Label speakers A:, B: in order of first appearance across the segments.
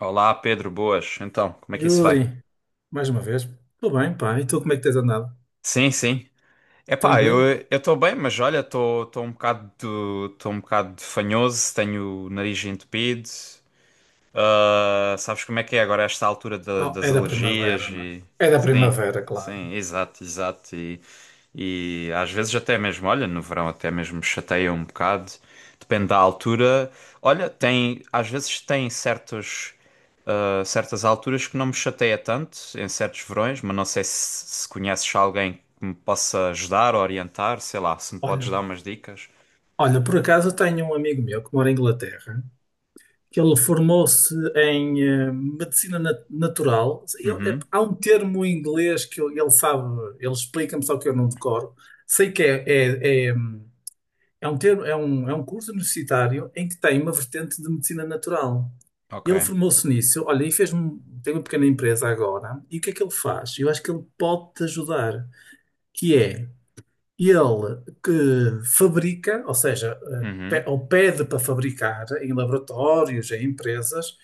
A: Olá, Pedro, boas. Então, como é que isso vai?
B: Yuri, mais uma vez, tudo bem, pá, e tu como é que tens andado?
A: Sim, sim. Epá, eu
B: Tranquilo?
A: eu estou bem, mas olha, estou um bocado estou um bocado fanhoso, tenho o nariz entupido. Ah, sabes como é que é agora esta altura
B: Oh,
A: das
B: é da
A: alergias
B: primavera, não é?
A: e
B: É da
A: sim,
B: primavera, claro.
A: sim, exato, exato e às vezes até mesmo, olha, no verão até mesmo me chateia um bocado, depende da altura. Olha, tem às vezes tem certos certas alturas que não me chateia tanto em certos verões, mas não sei se, se conheces alguém que me possa ajudar, orientar, sei lá, se me podes
B: Olha,
A: dar umas dicas.
B: por acaso eu tenho um amigo meu que mora em Inglaterra, que ele formou-se em medicina natural.
A: Uhum,
B: Há um termo em inglês que ele sabe, ele explica-me, só que eu não decoro. Sei que é. É um termo, é um curso universitário em que tem uma vertente de medicina natural.
A: ok.
B: Ele formou-se nisso, olha, e tem uma pequena empresa agora, e o que é que ele faz? Eu acho que ele pode te ajudar, que é ele que fabrica, ou seja,
A: Uhum,
B: ou pede para fabricar em laboratórios, em empresas,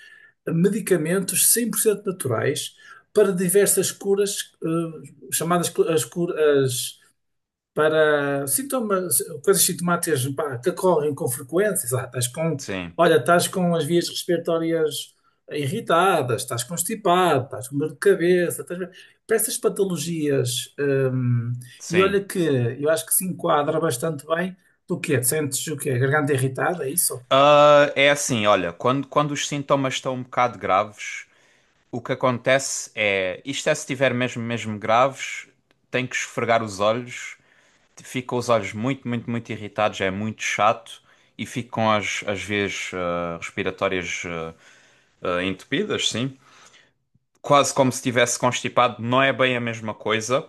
B: medicamentos 100% naturais para diversas curas, chamadas as curas para sintomas, coisas sintomáticas, pá, que ocorrem com frequência, sei lá, estás com,
A: sim,
B: olha, estás com as vias respiratórias irritadas, estás constipado, estás com dor de cabeça, estás... para essas patologias, e olha
A: sim.
B: que eu acho que se enquadra bastante bem. Do quê? Sentes o quê? Garganta irritada, é isso?
A: Ah, é assim, olha, quando, quando os sintomas estão um bocado graves, o que acontece é, isto é se estiver mesmo, mesmo graves, tem que esfregar os olhos, fica os olhos muito, muito, muito irritados, é muito chato e ficam as, as vias respiratórias entupidas, sim. Quase como se estivesse constipado, não é bem a mesma coisa,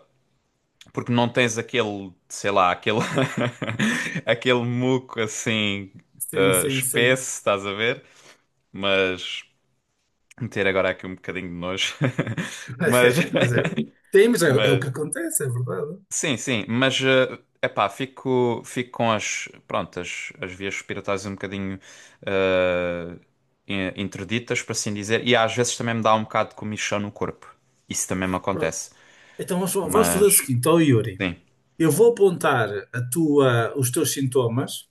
A: porque não tens aquele, sei lá, aquele, aquele muco assim,
B: Sim,
A: ah,
B: sim, sim.
A: espesso, estás a ver? Mas. Ter agora aqui um bocadinho de nojo.
B: Mas é,
A: Mas,
B: sim, mas é o
A: mas
B: que acontece, é verdade.
A: sim, sim, mas epá, fico, fico com as, pronto, as vias respiratórias um bocadinho eh, interditas, por assim dizer, e às vezes também me dá um bocado de comichão no corpo. Isso também me acontece.
B: Então, vamos fazer o
A: Mas
B: seguinte, ó Yuri.
A: sim,
B: Eu vou apontar a os teus sintomas,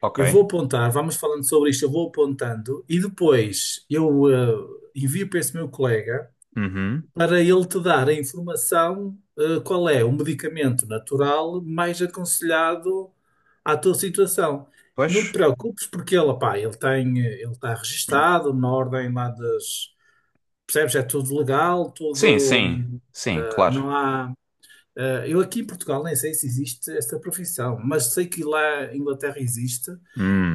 A: ok.
B: eu vou apontar, vamos falando sobre isto, eu vou apontando e depois eu envio para esse meu colega
A: Uhum.
B: para ele te dar a informação, qual é o medicamento natural mais aconselhado à tua situação. Não te
A: Pois.
B: preocupes porque ele, pá, ele tem, ele está registado na ordem lá das, percebes? É tudo legal,
A: Sim,
B: tudo,
A: sim, sim, claro.
B: não há eu aqui em Portugal nem sei se existe esta profissão, mas sei que lá em Inglaterra existe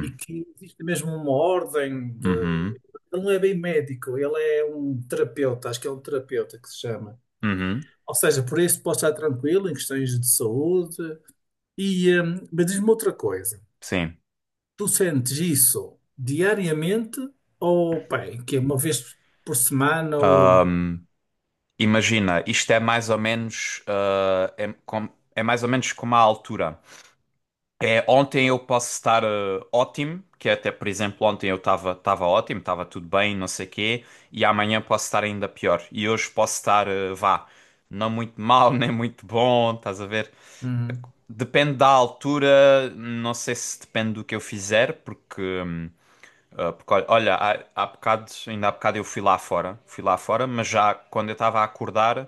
B: e que existe mesmo uma ordem de.
A: uhum,
B: Ele não é bem médico, ele é um terapeuta, acho que é um terapeuta que se chama.
A: uhum,
B: Ou seja, por isso pode estar tranquilo em questões de saúde. E, eh, mas diz-me outra coisa:
A: sim.
B: tu sentes isso diariamente ou, bem, que é uma vez por semana ou
A: Imagina, isto é mais ou menos, ah, é, é mais ou menos como a altura. É, ontem eu posso estar ótimo, que é até, por exemplo, ontem eu estava ótimo, estava tudo bem, não sei quê, e amanhã posso estar ainda pior. E hoje posso estar, ah, vá, não muito mal, nem muito bom, estás a ver?
B: hum,
A: Depende da altura, não sei se depende do que eu fizer, porque, ah, porque olha, olha, há, há bocado, ainda há bocado eu fui lá fora, mas já quando eu estava a acordar.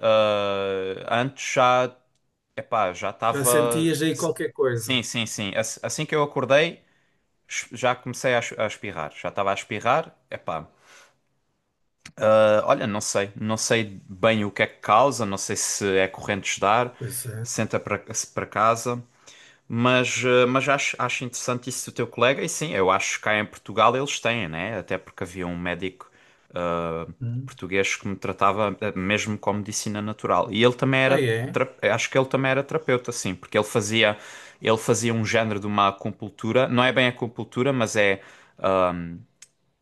A: Ah, antes já, epá, já
B: já
A: estava.
B: sentias aí qualquer coisa?
A: Sim, sim, sim. Assim que eu acordei, já comecei a a espirrar. Já estava a espirrar, epá. Ah, olha, não sei. Não sei bem o que é que causa, não sei se é corrente de ar,
B: Pois é.
A: senta para casa. Mas, ah, mas acho, acho interessante isso do teu colega, e sim, eu acho que cá em Portugal eles têm, né? Até porque havia um médico
B: Hum.
A: português que me tratava mesmo com medicina natural. E ele também era,
B: Ah, é?
A: acho que ele também era terapeuta, sim, porque ele fazia um género de uma acupuntura, não é bem acupuntura, mas é,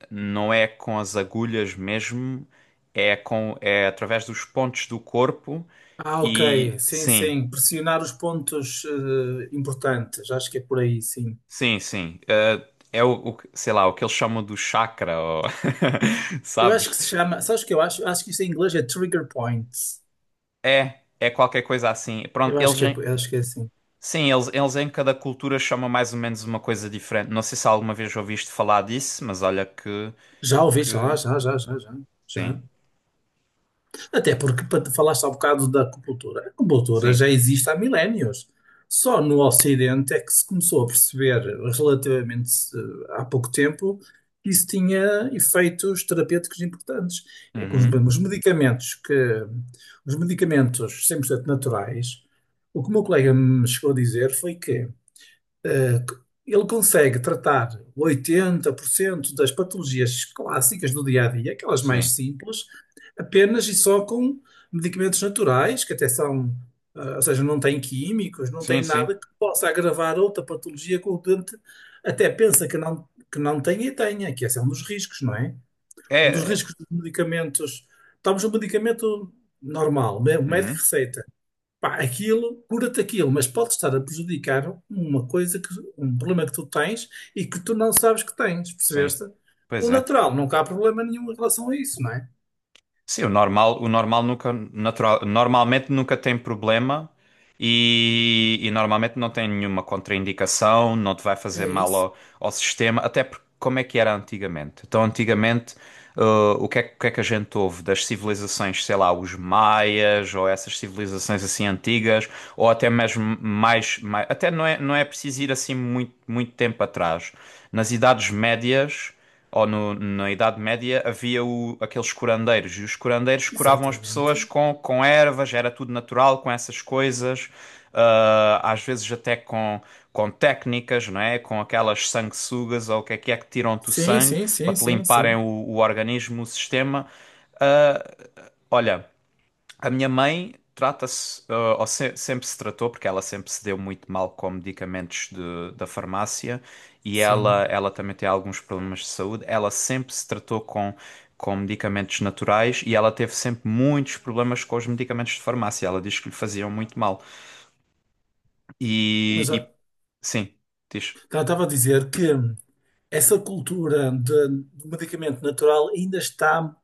A: não é com as agulhas mesmo, é com, é através dos pontos do corpo
B: Ah, ok.
A: e
B: Sim,
A: sim,
B: sim. Pressionar os pontos importantes. Acho que é por aí, sim.
A: sim, sim. É o, sei lá, o que eles chamam do chakra, ou
B: Eu acho que
A: sabes?
B: se chama. Sabes o que eu acho? Acho que isto em inglês é trigger points.
A: É, é qualquer coisa assim. Pronto,
B: Eu
A: eles,
B: acho que é assim.
A: sim, eles em cada cultura chamam mais ou menos uma coisa diferente. Não sei se alguma vez ouviste falar disso, mas olha
B: Já ouviste? Já,
A: que...
B: já, já, já, já.
A: Sim,
B: Já. Até porque para falaste há bocado da acupuntura. A acupuntura
A: sim.
B: já existe há milénios. Só no Ocidente é que se começou a perceber, relativamente, há pouco tempo, que isso tinha efeitos terapêuticos importantes. É que
A: Uhum,
B: os medicamentos que os medicamentos 100% naturais, o que o meu colega me chegou a dizer foi que eh, ele consegue tratar 80% das patologias clássicas do dia a dia, aquelas mais
A: sim,
B: simples, apenas e só com medicamentos naturais, que até são, ah, ou seja, não têm químicos, não têm
A: sim, sim.
B: nada que possa agravar outra patologia que o doente até pensa que não tem e tenha, que esse é um dos riscos, não é?
A: É,
B: Um dos
A: é.
B: riscos dos medicamentos. Estamos no medicamento normal, o médico
A: Uhum,
B: receita. Pá, aquilo, cura-te aquilo, mas pode estar a prejudicar uma um problema que tu tens e que tu não sabes que tens,
A: sim,
B: percebeste? O
A: pois é.
B: natural, nunca há problema nenhum em relação a isso, não é?
A: Sim, o normal nunca, natural, normalmente nunca tem problema e normalmente não tem nenhuma contraindicação, não te vai fazer
B: É
A: mal
B: isso.
A: ao, ao sistema, até porque como é que era antigamente? Então, antigamente, eh, o que é, que o que é que a gente ouve das civilizações, sei lá, os maias ou essas civilizações assim antigas, ou até mesmo mais, mais até não é, não é preciso ir assim muito, muito tempo atrás. Nas Idades Médias ou na Idade Média, havia aqueles curandeiros, e os curandeiros curavam as pessoas
B: Exatamente.
A: com ervas, era tudo natural, com essas coisas, ah, às vezes até com técnicas, não é? Com aquelas sanguessugas, ou o que é que é que tiram-te o
B: Sim,
A: sangue,
B: sim,
A: para
B: sim,
A: te
B: sim,
A: limparem
B: sim,
A: o organismo, o sistema. Ah, olha... A minha mãe trata-se, ah, ou sempre se tratou, porque ela sempre se deu muito mal com medicamentos da farmácia e ela,
B: sim.
A: ela também tem alguns problemas de saúde. Ela sempre se tratou com medicamentos naturais e ela teve sempre muitos problemas com os medicamentos de farmácia. Ela diz que lhe faziam muito mal.
B: Mas,
A: E- sim, diz.
B: então, estava a dizer que essa cultura do medicamento natural ainda está,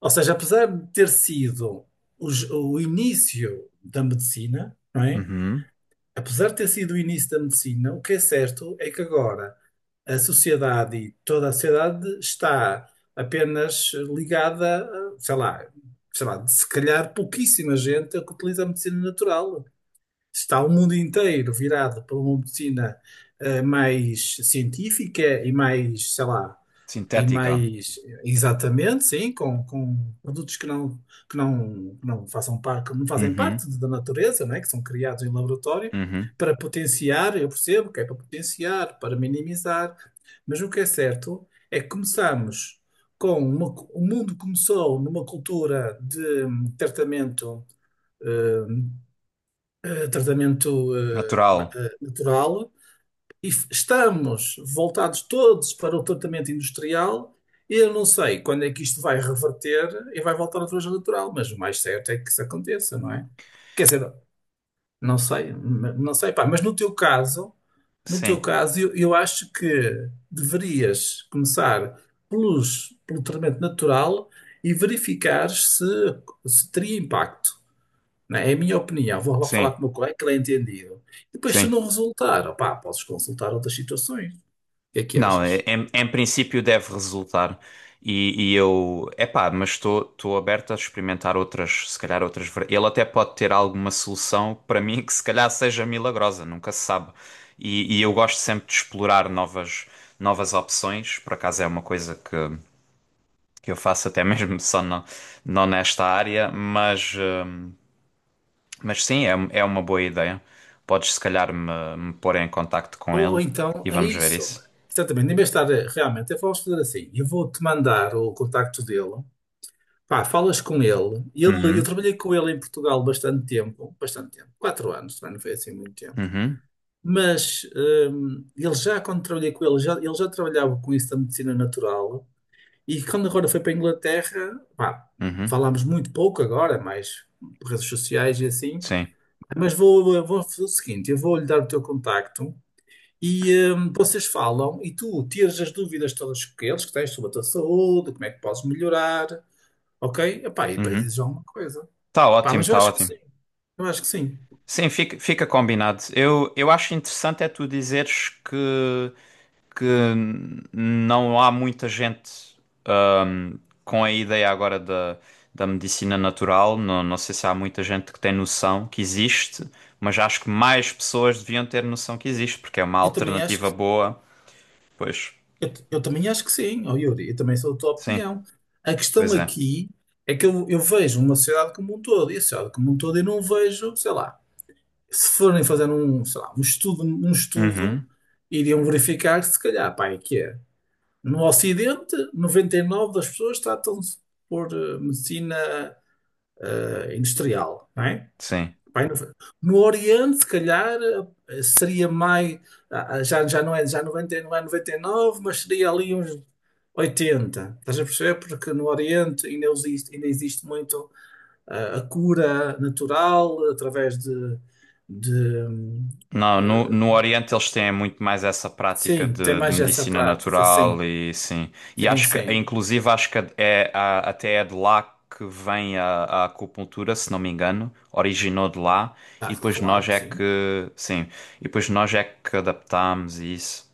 B: ou seja, apesar de ter sido o início da medicina, não é?
A: Uhum.
B: Apesar de ter sido o início da medicina, o que é certo é que agora a sociedade e toda a sociedade está apenas ligada, a, sei lá, se calhar pouquíssima gente é que utiliza a medicina natural. Está o mundo inteiro virado para uma medicina mais científica e mais, sei lá, e
A: Sintética.
B: mais, exatamente, sim, com produtos que não, que não façam par, que não fazem
A: Uhum.
B: parte da natureza, né? Que são criados em laboratório
A: Uhum.
B: para potenciar, eu percebo que é para potenciar, para minimizar, mas o que é certo é que começamos com uma, o mundo começou numa cultura de tratamento, hum, tratamento,
A: Natural.
B: natural estamos voltados todos para o tratamento industrial. E eu não sei quando é que isto vai reverter e vai voltar outra vez ao natural, mas o mais certo é que isso aconteça, não é? Quer dizer, não sei, não sei, pá, mas no teu caso, no teu
A: Sim,
B: caso, eu acho que deverias começar pelo tratamento natural e verificar se teria impacto. Não É É a minha opinião. Vou lá falar
A: sim,
B: com o meu colega, que ele é entendido. Depois, se
A: sim.
B: não resultar, opá, podes consultar outras situações. O que é que
A: Não,
B: achas?
A: em, em princípio deve resultar. E eu, epá, mas estou aberto a experimentar outras, se calhar outras. Ele até pode ter alguma solução para mim que se calhar seja milagrosa, nunca se sabe. E eu gosto sempre de explorar novas, novas opções. Por acaso é uma coisa que eu faço até mesmo só não, não nesta área, mas sim, é, é uma boa ideia. Podes se calhar me, me pôr em contacto com
B: Ou
A: ele
B: então
A: e
B: é
A: vamos ver
B: isso.
A: isso.
B: Exatamente. Em vez de estar, realmente, eu vamos fazer assim. Eu vou-te mandar o contacto dele. Pá, falas com ele. Ele, eu
A: Uhum,
B: trabalhei com ele em Portugal bastante tempo, 4 anos, também não foi assim muito tempo.
A: uhum,
B: Mas ele já, quando trabalhei com ele já trabalhava com isso da medicina natural. E quando agora foi para a Inglaterra, pá,
A: uhum.
B: falámos muito pouco agora, mais por redes sociais e assim.
A: Sim.
B: Mas vou, vou fazer o seguinte: eu vou-lhe dar o teu contacto. E, vocês falam e tu tiras as dúvidas todas que eles que tens sobre a tua saúde, como é que podes melhorar, ok? Epá, e depois
A: Uhum.
B: dizes alguma coisa.
A: Tá
B: Pá,
A: ótimo,
B: mas eu
A: tá
B: acho que sim,
A: ótimo.
B: eu acho que sim.
A: Sim, fica, fica combinado. Eu acho interessante é tu dizeres que não há muita gente hum, com a ideia agora da, da medicina natural. Não, não sei se há muita gente que tem noção que existe, mas acho que mais pessoas deviam ter noção que existe, porque é uma
B: Eu também acho
A: alternativa boa. Pois,
B: eu também acho que sim, ó Yuri, eu também sou da tua
A: sim,
B: opinião. A questão
A: pois é.
B: aqui é que eu vejo uma sociedade como um todo, e a sociedade como um todo eu não vejo, sei lá, se forem fazer um, sei lá, um estudo,
A: Uhum,
B: iriam verificar se calhar, pá, é que é. No Ocidente, 99 das pessoas tratam-se por medicina industrial, não é?
A: sim.
B: Vai No no Oriente, se calhar, seria mais, já, já não é, já 90, não é 99, mas seria ali uns 80. Estás a perceber? Porque no Oriente ainda existe muito, a cura natural através de,
A: Não, no,
B: eh,
A: no Oriente eles têm muito mais essa prática
B: sim, tem
A: de
B: mais essa
A: medicina
B: prática,
A: natural
B: sim,
A: e sim. E
B: sim,
A: acho que,
B: sim.
A: inclusive, acho que é, até é de lá que vem a acupuntura, se não me engano, originou de lá
B: Ah,
A: e depois
B: claro
A: nós
B: que
A: é
B: sim.
A: que, sim, e depois nós é que adaptámos e isso.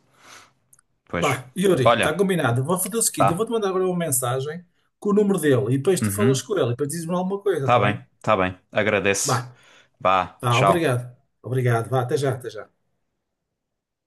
A: Pois,
B: Bah, Yuri, está
A: olha,
B: combinado. Vou fazer o seguinte: eu
A: tá.
B: vou-te mandar agora uma mensagem com o número dele e depois tu
A: Uhum,
B: falas com ele e depois dizes-me alguma coisa,
A: tá
B: está
A: bem,
B: bem?
A: tá bem. Agradeço.
B: Bah,
A: Vá,
B: tá,
A: tchau.
B: obrigado. Obrigado, vá, até já, até já.